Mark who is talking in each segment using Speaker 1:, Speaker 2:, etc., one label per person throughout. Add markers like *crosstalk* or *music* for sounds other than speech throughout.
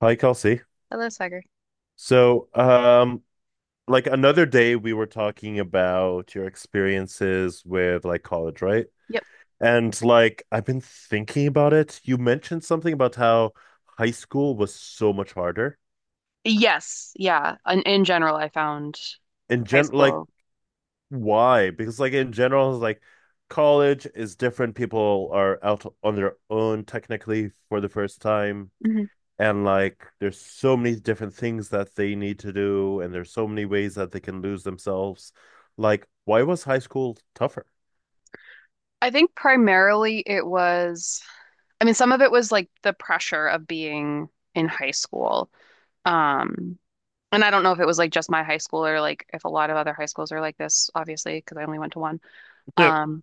Speaker 1: Hi, Kelsey.
Speaker 2: I love soccer.
Speaker 1: So, um, like another day we were talking about your experiences with like college, right?
Speaker 2: Yep.
Speaker 1: And like I've been thinking about it. You mentioned something about how high school was so much harder.
Speaker 2: Yes. Yeah. In general, I found
Speaker 1: In
Speaker 2: high
Speaker 1: gen like
Speaker 2: school.
Speaker 1: Why? Because like in general, it's like college is different. People are out on their own technically for the first time.
Speaker 2: hmm
Speaker 1: And like there's so many different things that they need to do, and there's so many ways that they can lose themselves. Like why was high school tougher?
Speaker 2: I think primarily it was, I mean, some of it was like the pressure of being in high school. Um, and I don't know if it was like just my high school or like if a lot of other high schools are like this, obviously, because I only went to one.
Speaker 1: *laughs* I
Speaker 2: Um,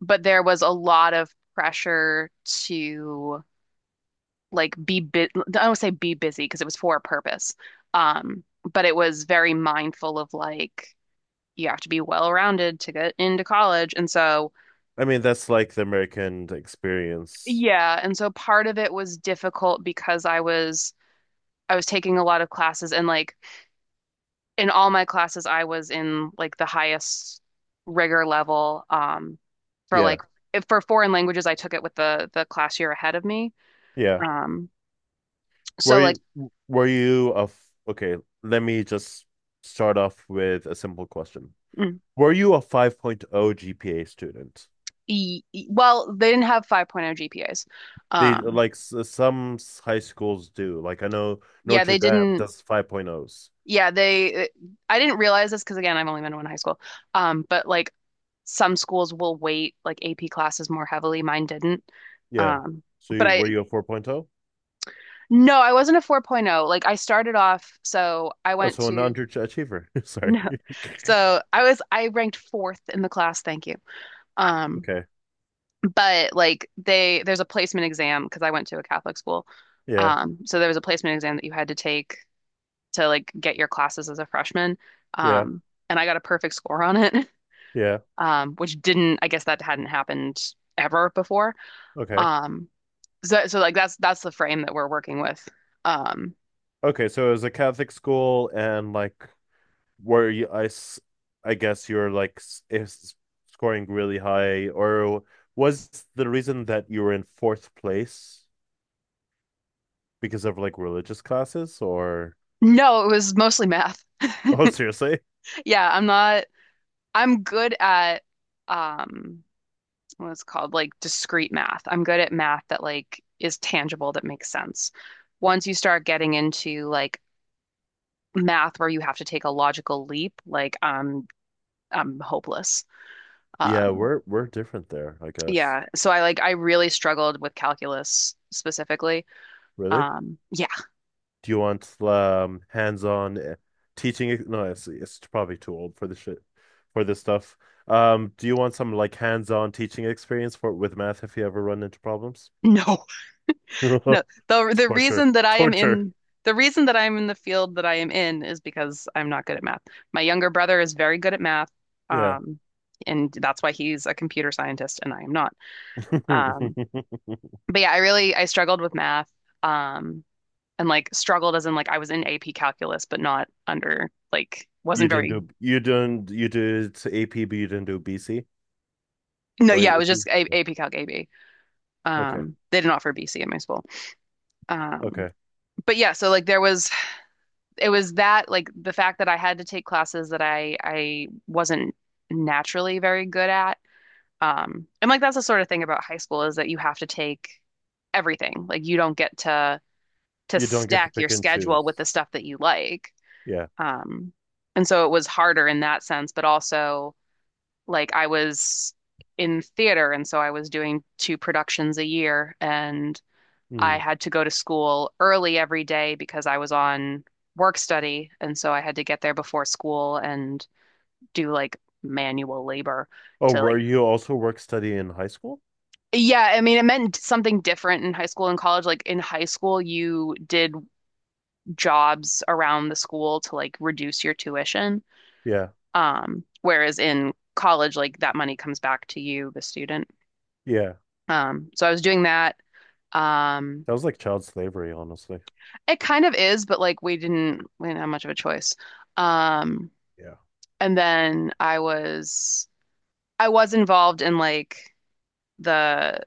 Speaker 2: but there was a lot of pressure to like be I don't say be busy because it was for a purpose. Um, but it was very mindful of like, you have to be well-rounded to get into college. And so,
Speaker 1: mean that's like the American experience.
Speaker 2: yeah, and so part of it was difficult because I was taking a lot of classes and like in all my classes I was in like the highest rigor level for
Speaker 1: Yeah,
Speaker 2: like if for foreign languages I took it with the class year ahead of me.
Speaker 1: yeah,
Speaker 2: Um
Speaker 1: were
Speaker 2: so like
Speaker 1: you were you a f- okay, let me just start off with a simple question.
Speaker 2: mm,
Speaker 1: Were you a 5.0 gpa student?
Speaker 2: well, they didn't have 5.0 GPAs.
Speaker 1: They
Speaker 2: Um
Speaker 1: like some high schools do, like I know
Speaker 2: yeah,
Speaker 1: Notre
Speaker 2: they
Speaker 1: Dame
Speaker 2: didn't
Speaker 1: does 5.0s.
Speaker 2: Yeah, they I didn't realize this because again, I've only been to one high school. But like some schools will weight like AP classes more heavily. Mine didn't.
Speaker 1: Yeah,
Speaker 2: Um,
Speaker 1: so
Speaker 2: but
Speaker 1: you, were
Speaker 2: I
Speaker 1: you a 4.0?
Speaker 2: No, I wasn't a 4.0. Like I started off, so I
Speaker 1: Oh,
Speaker 2: went
Speaker 1: so a
Speaker 2: to.
Speaker 1: non-achiever. *laughs*
Speaker 2: *laughs*
Speaker 1: Sorry.
Speaker 2: no.
Speaker 1: *laughs*
Speaker 2: So I was I ranked fourth in the class, thank you. Um,
Speaker 1: Okay.
Speaker 2: but like they there's a placement exam because I went to a Catholic school.
Speaker 1: Yeah.
Speaker 2: So there was a placement exam that you had to take to like get your classes as a freshman.
Speaker 1: Yeah.
Speaker 2: Um, and I got a perfect score on it,
Speaker 1: Yeah.
Speaker 2: *laughs* which didn't, I guess that hadn't happened ever before.
Speaker 1: Okay.
Speaker 2: Um, so like that's the frame that we're working with. Um,
Speaker 1: Okay. So it was a Catholic school, and like, were you? I guess you're like s- is scoring really high, or was the reason that you were in fourth place because of like religious classes, or?
Speaker 2: no, it was mostly math. *laughs*
Speaker 1: *laughs* Oh, seriously?
Speaker 2: Yeah, I'm not, I'm good at um what it's called like discrete math. I'm good at math that like is tangible that makes sense. Once you start getting into like math where you have to take a logical leap, like I'm hopeless.
Speaker 1: Yeah,
Speaker 2: Um,
Speaker 1: we're different there, I guess.
Speaker 2: yeah, so I really struggled with calculus specifically.
Speaker 1: Really?
Speaker 2: Yeah,
Speaker 1: Do you want hands-on teaching? No, it's probably too old for the shit for this stuff. Do you want some like hands-on teaching experience for with math if you ever run into problems?
Speaker 2: *laughs* no, no.
Speaker 1: *laughs*
Speaker 2: The the
Speaker 1: Torture.
Speaker 2: reason that I am
Speaker 1: Torture.
Speaker 2: in the reason that I'm in the field that I am in is because I'm not good at math. My younger brother is very good at math,
Speaker 1: Yeah.
Speaker 2: um, and that's why he's a computer scientist and I am not. Um,
Speaker 1: *laughs*
Speaker 2: but yeah, I struggled with math, um, and like struggled as in like I was in AP calculus, but not under like wasn't very.
Speaker 1: You did AP but you didn't do BC
Speaker 2: No,
Speaker 1: or
Speaker 2: yeah, it was
Speaker 1: AP?
Speaker 2: just A
Speaker 1: Yeah.
Speaker 2: AP Calc AB.
Speaker 1: Okay.
Speaker 2: They didn't offer BC at my school. Um,
Speaker 1: Okay.
Speaker 2: but yeah, so like there was it was that like the fact that I had to take classes that I wasn't naturally very good at. And like that's the sort of thing about high school is that you have to take everything. Like you don't get to
Speaker 1: You don't get to
Speaker 2: stack your
Speaker 1: pick and
Speaker 2: schedule with
Speaker 1: choose.
Speaker 2: the stuff that you like.
Speaker 1: Yeah.
Speaker 2: Um, and so it was harder in that sense, but also like I was in theater and so I was doing two productions a year, and I
Speaker 1: Mm.
Speaker 2: had to go to school early every day because I was on work study. And so I had to get there before school and do like manual labor
Speaker 1: Oh,
Speaker 2: to
Speaker 1: were
Speaker 2: like,
Speaker 1: you also work study in high school?
Speaker 2: yeah, I mean, it meant something different in high school and college. Like in high school, you did jobs around the school to like reduce your tuition.
Speaker 1: Yeah.
Speaker 2: Whereas in college, like that money comes back to you, the student.
Speaker 1: Yeah.
Speaker 2: So I was doing that. Um,
Speaker 1: That was like child slavery, honestly.
Speaker 2: it kind of is, but like we didn't have much of a choice. Um,
Speaker 1: Yeah.
Speaker 2: And then I was involved in like the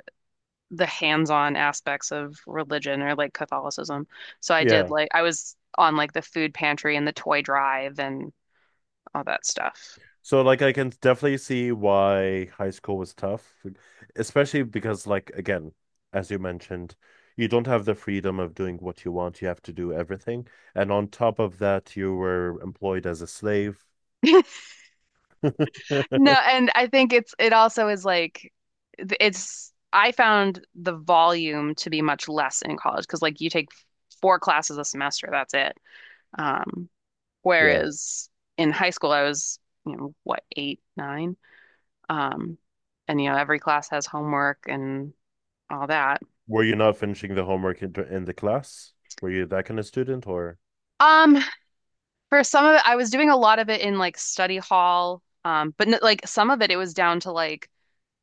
Speaker 2: the hands-on aspects of religion or like Catholicism. So I did
Speaker 1: Yeah.
Speaker 2: like I was on like the food pantry and the toy drive and all that stuff.
Speaker 1: So like I can definitely see why high school was tough, especially because like again, as you mentioned, you don't have the freedom of doing what you want. You have to do everything. And on top of that, you were employed as a slave.
Speaker 2: *laughs* No,
Speaker 1: *laughs*
Speaker 2: and I think it also is like it's I found the volume to be much less in college because like you take 4 classes a semester, that's it. Um,
Speaker 1: Yeah.
Speaker 2: Whereas in high school I was, you know, what, eight, nine? Um, and you know, every class has homework and all that.
Speaker 1: Were you not finishing the homework in the class? Were you that kind of student or?
Speaker 2: Um, for some of it, I was doing a lot of it in like study hall. But n like Some of it, it was down to like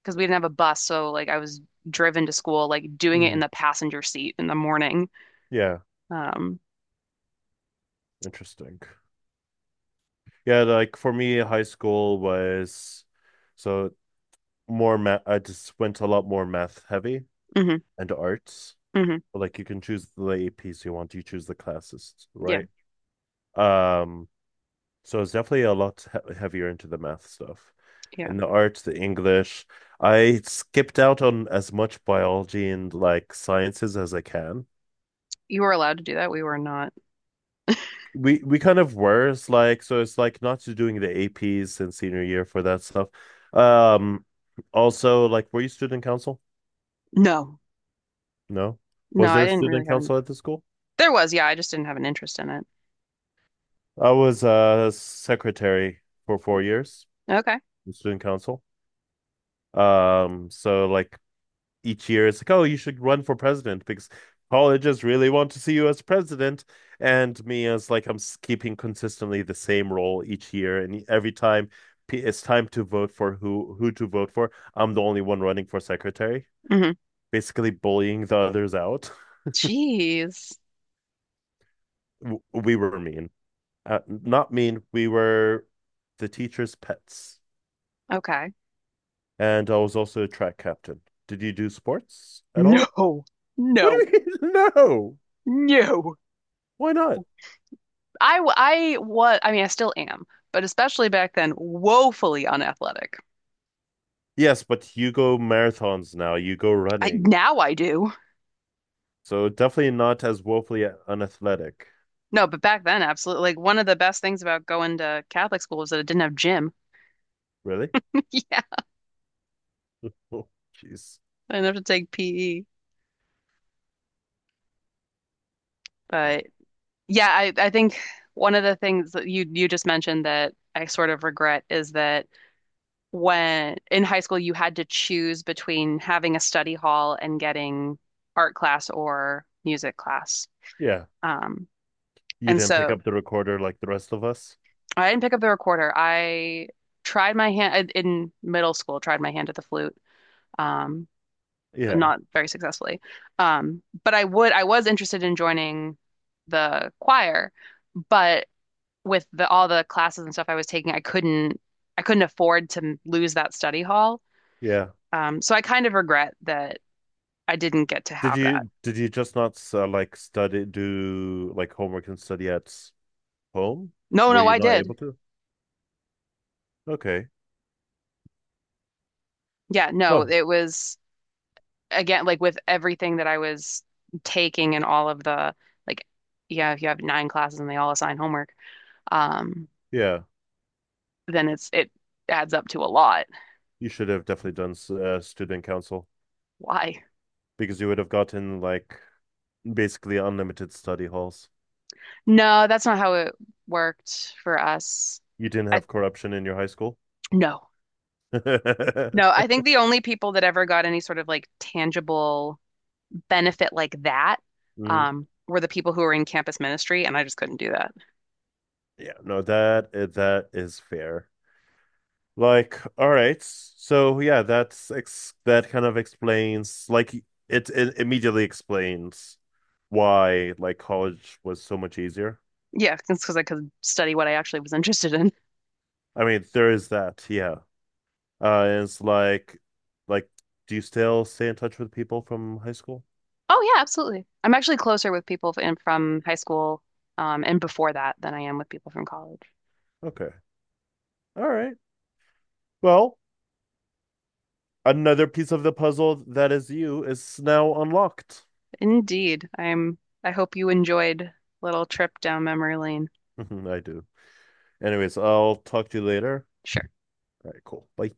Speaker 2: because we didn't have a bus, so like I was driven to school, like doing it in
Speaker 1: Mm.
Speaker 2: the passenger seat in the morning.
Speaker 1: Yeah,
Speaker 2: Um,
Speaker 1: interesting. Yeah, like for me, high school was so more math. I just went a lot more math heavy.
Speaker 2: hmm
Speaker 1: And arts.
Speaker 2: hmm
Speaker 1: Like you can choose the APs you want, you choose the classes,
Speaker 2: yeah,
Speaker 1: right? Um, so it's definitely a lot heavier into the math stuff
Speaker 2: yeah.
Speaker 1: and the arts, the English. I skipped out on as much biology and like sciences as I can.
Speaker 2: You were allowed to do that. We were not.
Speaker 1: We kind of were, it's like so it's like not doing the APs in senior year for that stuff. Um, also like were you student council?
Speaker 2: No,
Speaker 1: No.
Speaker 2: no,
Speaker 1: Was there
Speaker 2: I
Speaker 1: a
Speaker 2: didn't really
Speaker 1: student
Speaker 2: have an.
Speaker 1: council at the school?
Speaker 2: There was, yeah, I just didn't have an interest in it.
Speaker 1: I was a secretary for 4 years.
Speaker 2: Okay.
Speaker 1: The student council. So like each year it's like, oh, you should run for president because colleges really want to see you as president. And me as like I'm keeping consistently the same role each year, and every time it's time to vote for who to vote for, I'm the only one running for secretary,
Speaker 2: hmm
Speaker 1: basically bullying the others out.
Speaker 2: Jeez.
Speaker 1: We were mean, not mean. We were the teacher's pets,
Speaker 2: Okay.
Speaker 1: and I was also a track captain. Did you do sports at all?
Speaker 2: No,
Speaker 1: What
Speaker 2: no,
Speaker 1: do you mean? *laughs* No.
Speaker 2: no.
Speaker 1: Why not?
Speaker 2: I was I still am, but especially back then, woefully unathletic.
Speaker 1: Yes, but you go marathons now. You go
Speaker 2: I
Speaker 1: running.
Speaker 2: now I do.
Speaker 1: So definitely not as woefully unathletic.
Speaker 2: No, but back then, absolutely. Like one of the best things about going to Catholic school was that it didn't have gym.
Speaker 1: Really? *laughs*
Speaker 2: *laughs* Yeah,
Speaker 1: Oh, jeez.
Speaker 2: I didn't have to take PE.
Speaker 1: No.
Speaker 2: But yeah, I think one of the things that you just mentioned that I sort of regret is that when in high school you had to choose between having a study hall and getting art class or music class.
Speaker 1: Yeah.
Speaker 2: Um,
Speaker 1: You
Speaker 2: and
Speaker 1: didn't pick
Speaker 2: so
Speaker 1: up the recorder like the rest of us?
Speaker 2: I didn't pick up the recorder. I tried my hand in middle school, tried my hand at the flute, um,
Speaker 1: Yeah.
Speaker 2: not very successfully. But I was interested in joining the choir, but with the all the classes and stuff I was taking, I couldn't afford to lose that study hall.
Speaker 1: Yeah.
Speaker 2: So I kind of regret that I didn't get to
Speaker 1: Did
Speaker 2: have that.
Speaker 1: you did you just not like study, do like homework and study at home?
Speaker 2: No,
Speaker 1: Were
Speaker 2: no,
Speaker 1: you
Speaker 2: I
Speaker 1: not
Speaker 2: did.
Speaker 1: able to? Okay.
Speaker 2: Yeah, no,
Speaker 1: Huh.
Speaker 2: it was again, like with everything that I was taking and all of like, yeah, if you have 9 classes and they all assign homework, um,
Speaker 1: Yeah.
Speaker 2: then it adds up to a lot.
Speaker 1: You should have definitely done student council
Speaker 2: Why?
Speaker 1: because you would have gotten like basically unlimited study halls.
Speaker 2: No, that's not how it worked for us.
Speaker 1: You didn't
Speaker 2: I
Speaker 1: have corruption in your high school?
Speaker 2: No. No,
Speaker 1: *laughs*
Speaker 2: I think the only people that ever got any sort of like tangible benefit like that
Speaker 1: Mm,
Speaker 2: were the people who were in campus ministry, and I just couldn't do that.
Speaker 1: yeah, no, that that is fair. Like, all right, so yeah, that kind of explains like it immediately explains why like college was so much easier.
Speaker 2: Yeah, it's because I could study what I actually was interested in.
Speaker 1: I mean, there is that, yeah. And it's like, do you still stay in touch with people from high school?
Speaker 2: Oh yeah, absolutely. I'm actually closer with people from high school and before that than I am with people from college.
Speaker 1: Okay, all right. Well, another piece of the puzzle that is you is now unlocked.
Speaker 2: Indeed, I'm. I hope you enjoyed little trip down memory lane.
Speaker 1: *laughs* I do. Anyways, I'll talk to you later.
Speaker 2: Sure.
Speaker 1: All right, cool. Bye.